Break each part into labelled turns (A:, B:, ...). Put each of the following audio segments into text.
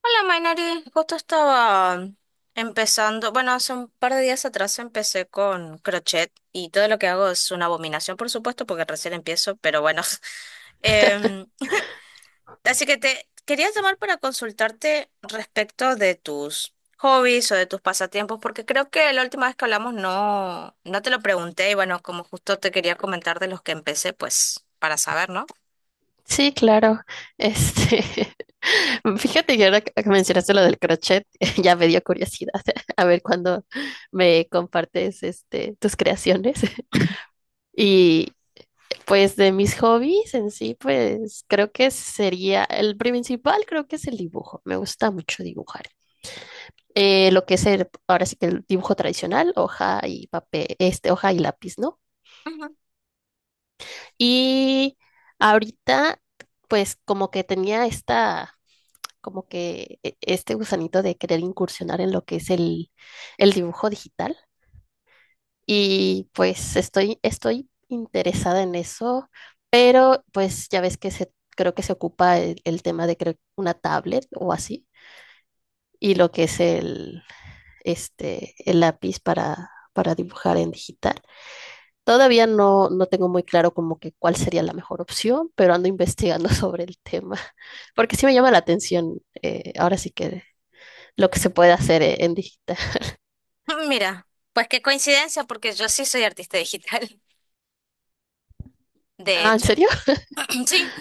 A: Hola, Mainari. Justo estaba empezando, bueno, hace un par de días atrás empecé con crochet y todo lo que hago es una abominación, por supuesto, porque recién empiezo, pero bueno. Em, así que te quería llamar para consultarte respecto de tus hobbies o de tus pasatiempos, porque creo que la última vez que hablamos no te lo pregunté y bueno, como justo te quería comentar de los que empecé, pues para saber, ¿no?
B: Sí, claro. Este, fíjate que ahora que mencionaste lo del crochet, ya me dio curiosidad a ver cuándo me compartes tus creaciones. Y pues de mis hobbies en sí, pues creo que sería el principal, creo que es el dibujo. Me gusta mucho dibujar. Lo que es ahora sí que el dibujo tradicional, hoja y papel, este, hoja y lápiz, ¿no?
A: Ujú.
B: Y ahorita, pues como que tenía esta como que este gusanito de querer incursionar en lo que es el dibujo digital. Y pues estoy interesada en eso, pero pues ya ves que se, creo que se ocupa el tema de creo, una tablet o así, y lo que es el lápiz para dibujar en digital. Todavía no tengo muy claro como que cuál sería la mejor opción, pero ando investigando sobre el tema, porque sí me llama la atención, ahora sí que lo que se puede hacer en digital.
A: Mira, pues qué coincidencia, porque yo sí soy artista digital, de
B: Ah, ¿en
A: hecho.
B: serio?
A: Mm, sí,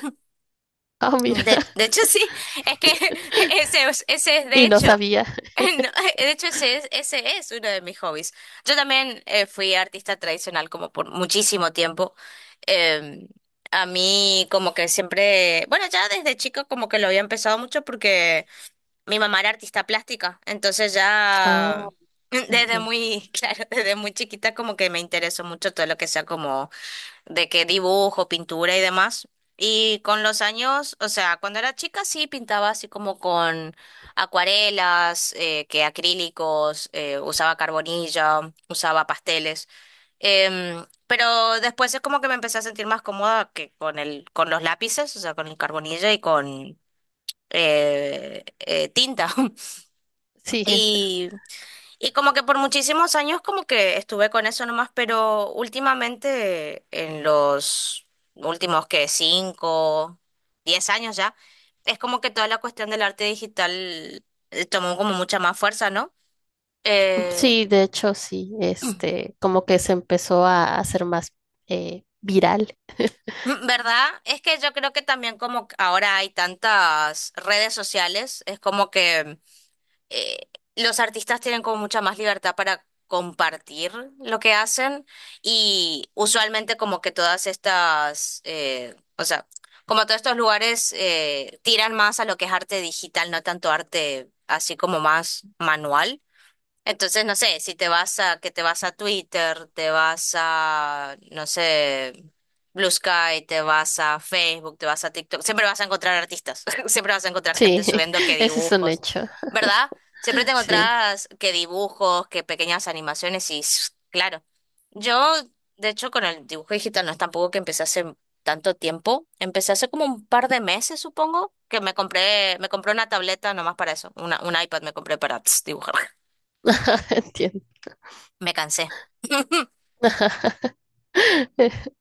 B: Ah, mira,
A: de hecho sí, es que ese es de
B: y no
A: hecho,
B: sabía.
A: no, de hecho ese es uno de mis hobbies. Yo también fui artista tradicional como por muchísimo tiempo. Eh, a mí como que siempre, bueno, ya desde chico como que lo había empezado mucho porque mi mamá era artista plástica, entonces ya
B: Oh,
A: desde
B: entiendo.
A: muy, claro, desde muy chiquita como que me interesó mucho todo lo que sea como de que dibujo, pintura y demás. Y con los años, o sea, cuando era chica sí pintaba así como con acuarelas, que acrílicos, usaba carbonilla, usaba pasteles. Pero después es como que me empecé a sentir más cómoda que con con los lápices, o sea, con el carbonilla y con tinta.
B: Sí,
A: Y y como que por muchísimos años como que estuve con eso nomás, pero últimamente en los últimos que cinco, diez años ya, es como que toda la cuestión del arte digital tomó como mucha más fuerza, ¿no? Eh,
B: sí, de hecho, sí, como que se empezó a hacer más viral.
A: ¿verdad? Es que yo creo que también como que ahora hay tantas redes sociales, es como que eh, los artistas tienen como mucha más libertad para compartir lo que hacen y usualmente como que todas estas, o sea, como todos estos lugares tiran más a lo que es arte digital, no tanto arte así como más manual. Entonces, no sé, si te vas a, que te vas a Twitter, te vas a, no sé, Blue Sky, te vas a Facebook, te vas a TikTok, siempre vas a encontrar artistas, siempre vas a encontrar gente
B: Sí,
A: subiendo que
B: ese es un
A: dibujos,
B: hecho.
A: ¿verdad? Siempre te
B: Sí,
A: encontrás que dibujos, que pequeñas animaciones y s- claro, yo, de hecho, con el dibujo digital no es tampoco que empecé hace tanto tiempo, empecé hace como un par de meses, supongo, que me compré una tableta nomás para eso, un iPad me compré para tss, dibujar.
B: entiendo.
A: Me cansé.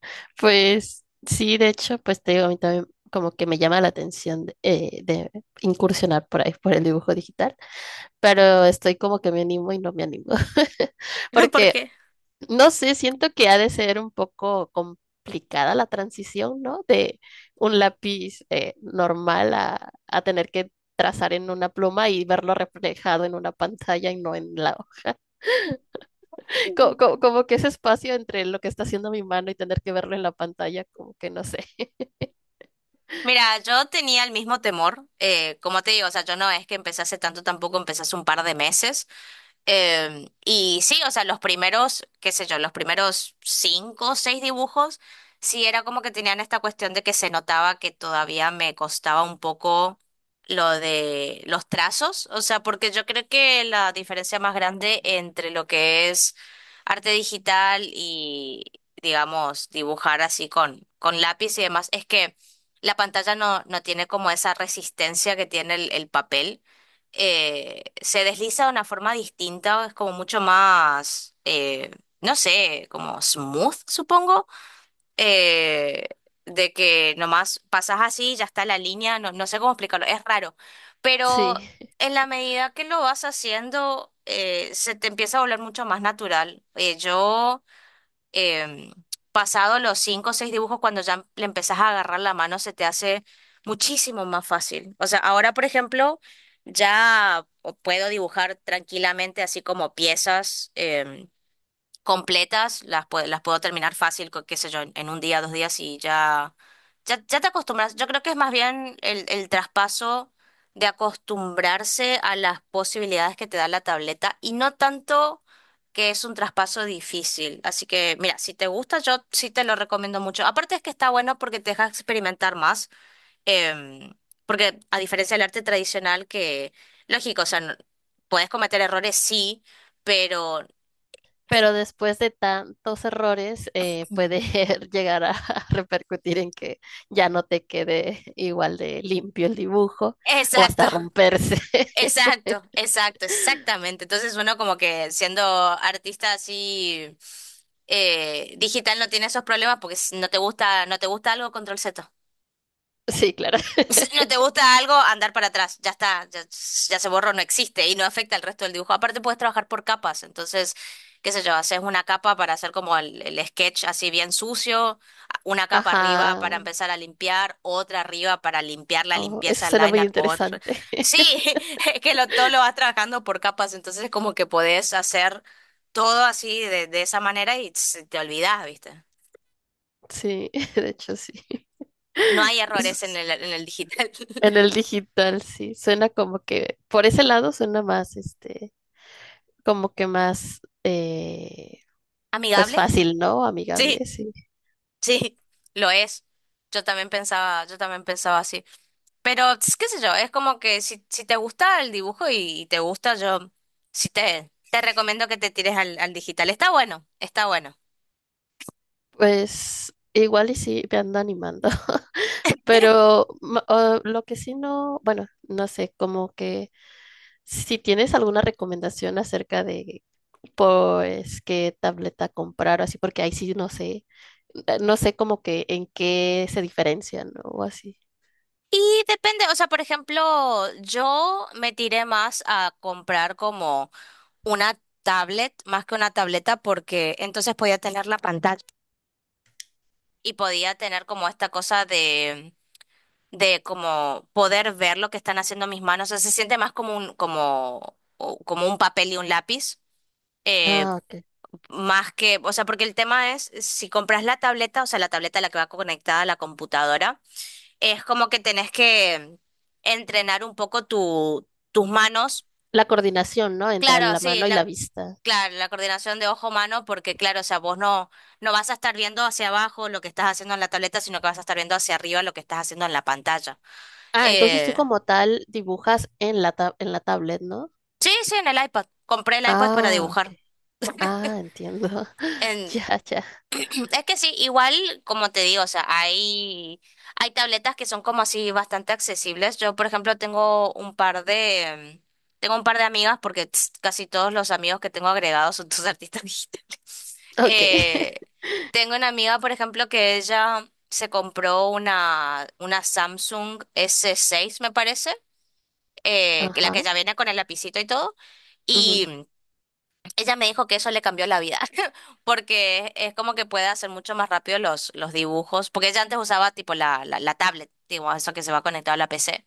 B: Pues sí, de hecho, pues te digo, a mí también como que me llama la atención de incursionar por ahí, por el dibujo digital, pero estoy como que me animo y no me animo,
A: ¿Por
B: porque
A: qué?
B: no sé, siento que ha de ser un poco complicada la transición, ¿no? De un lápiz normal a tener que trazar en una pluma y verlo reflejado en una pantalla y no en la...
A: Mm.
B: como que ese espacio entre lo que está haciendo mi mano y tener que verlo en la pantalla, como que no sé.
A: Mira, yo tenía el mismo temor, como te digo, o sea, yo no es que empecé hace tanto, tampoco empecé hace un par de meses, y sí, o sea, los primeros, qué sé yo, los primeros cinco o seis dibujos, sí era como que tenían esta cuestión de que se notaba que todavía me costaba un poco lo de los trazos, o sea, porque yo creo que la diferencia más grande entre lo que es arte digital y, digamos, dibujar así con lápiz y demás, es que la pantalla no tiene como esa resistencia que tiene el papel se desliza de una forma distinta, es como mucho más, no sé, como smooth, supongo, eh, de que nomás pasas así, ya está la línea, no, no sé cómo explicarlo, es raro,
B: Sí,
A: pero en la medida que lo vas haciendo, se te empieza a volver mucho más natural. Yo em, pasado los cinco o seis dibujos, cuando ya le empezás a agarrar la mano, se te hace muchísimo más fácil. O sea, ahora, por ejemplo, ya puedo dibujar tranquilamente así como piezas. Completas, las puedo terminar fácil, co- qué sé yo, en un día, dos días y ya, ya te acostumbras. Yo creo que es más bien el traspaso de acostumbrarse a las posibilidades que te da la tableta y no tanto que es un traspaso difícil. Así que, mira, si te gusta, yo sí te lo recomiendo mucho. Aparte es que está bueno porque te deja experimentar más, em, porque a diferencia del arte tradicional que, lógico, o sea, no- puedes cometer errores, sí, pero...
B: pero después de tantos errores
A: Mm.
B: puede llegar a repercutir en que ya no te quede igual de limpio el dibujo o
A: Exacto,
B: hasta romperse.
A: Exacto, exactamente. Entonces uno como que siendo artista así digital no tiene esos problemas porque si no te gusta, no te gusta algo, control Z.
B: Sí, claro.
A: No te gusta algo, andar para atrás. Ya está, ya se borró, no existe y no afecta al resto del dibujo. Aparte, puedes trabajar por capas. Entonces, qué sé yo, haces una capa para hacer como el sketch así bien sucio, una capa arriba
B: Ajá.
A: para empezar a limpiar, otra arriba para limpiar la
B: Oh, eso
A: limpieza, el
B: suena muy
A: liner, otra.
B: interesante.
A: Sí, es que lo, todo lo vas trabajando por capas. Entonces, es como que podés hacer todo así de esa manera y se te olvidás, ¿viste?
B: Sí, de hecho, sí.
A: No hay errores en
B: S-
A: en el digital.
B: En el digital, sí. Suena como que, por ese lado, suena más, como que más, pues
A: ¿Amigable?
B: fácil, ¿no?
A: Sí.
B: Amigable, sí.
A: Sí, lo es. Yo también pensaba así. Pero, tss, qué sé yo, es como que si te gusta el dibujo y te gusta, yo sí te recomiendo que te tires al digital. Está bueno, está bueno.
B: Pues igual y sí, me ando animando. Pero lo que sí no, bueno, no sé, como que si tienes alguna recomendación acerca de pues qué tableta comprar o así, porque ahí sí no sé, no sé como que en qué se diferencian, ¿no? O así.
A: Y depende, o sea, por ejemplo, yo me tiré más a comprar como una tablet, más que una tableta, porque entonces podía tener la pantalla y podía tener como esta cosa de como poder ver lo que están haciendo mis manos. O sea, se siente más como un, como, o- como un papel y un lápiz. eh,
B: Ah, ok.
A: más que, o sea, porque el tema es, si compras la tableta, o sea, la tableta a la que va conectada a la computadora, es como que tenés que entrenar un poco tus manos.
B: La coordinación, ¿no? Entre
A: Claro,
B: la mano y la vista.
A: claro, la coordinación de ojo-mano, porque claro, o sea, vos no, no vas a estar viendo hacia abajo lo que estás haciendo en la tableta, sino que vas a estar viendo hacia arriba lo que estás haciendo en la pantalla.
B: Ah, entonces tú
A: Eh,
B: como tal dibujas en la en la tablet, ¿no?
A: Sí, sí, en el iPad. Compré el iPad para
B: Ah,
A: dibujar.
B: ok. Ah, entiendo.
A: En-
B: Ya, ya.
A: es que sí, igual, como te digo, o sea, hay tabletas que son como así bastante accesibles. Yo, por ejemplo, tengo un par de amigas porque tss, casi todos los amigos que tengo agregados son tus artistas digitales.
B: Ok.
A: Eh, tengo una amiga, por ejemplo, que ella se compró una Samsung S6, me parece, que la
B: Ajá.
A: que ya viene con el lapicito y todo.
B: Ujú,
A: Ella me dijo que eso le cambió la vida, porque es como que puede hacer mucho más rápido los dibujos, porque ella antes usaba tipo la tablet, digo, eso que se va conectado a la PC,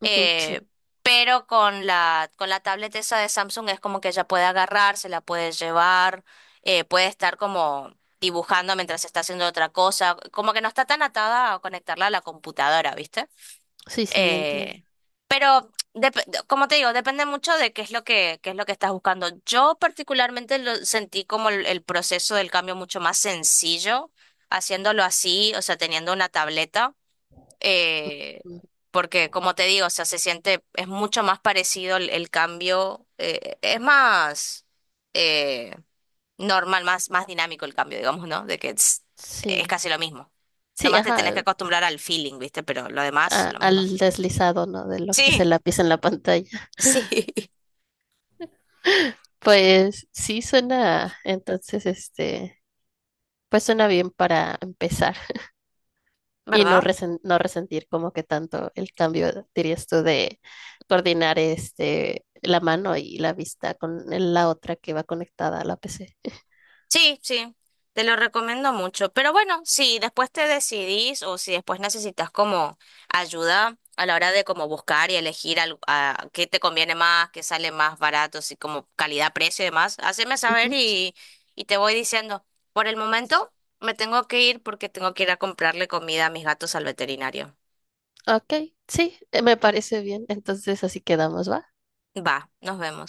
B: ujú, sí.
A: eh, pero con con la tablet esa de Samsung es como que ella puede agarrar, se la puede llevar, puede estar como dibujando mientras está haciendo otra cosa, como que no está tan atada a conectarla a la computadora, ¿viste?
B: Sí, sí, entiendo.
A: Eh, pero dep- como te digo, depende mucho de qué es lo que, qué es lo que estás buscando. Yo particularmente lo sentí como el proceso del cambio mucho más sencillo, haciéndolo así, o sea, teniendo una tableta, eh,
B: Ujú,
A: porque como te digo, o sea, se siente, es mucho más parecido el cambio, es más eh, normal, más dinámico el cambio, digamos, ¿no? De que es
B: sí.
A: casi lo mismo.
B: Sí,
A: Nomás te tenés que
B: ajá.
A: acostumbrar al feeling, ¿viste? Pero lo demás, lo mismo.
B: Al deslizado, ¿no? De lo que es
A: Sí.
B: el lápiz en la pantalla.
A: Sí,
B: Pues sí suena, entonces este, pues suena bien para empezar y no
A: ¿verdad?
B: no resentir como que tanto el cambio, dirías tú, de coordinar este la mano y la vista con la otra que va conectada a la PC.
A: Sí, sí, te lo recomiendo mucho. Pero bueno, si después te decidís o si después necesitas como ayuda a la hora de como buscar y elegir al- a qué te conviene más, qué sale más barato, si como calidad-precio y demás, haceme saber
B: Ujú.
A: y te voy diciendo. Por el momento me tengo que ir porque tengo que ir a comprarle comida a mis gatos al veterinario.
B: Ok, sí, me parece bien. Entonces así quedamos, ¿va?
A: Va, nos vemos.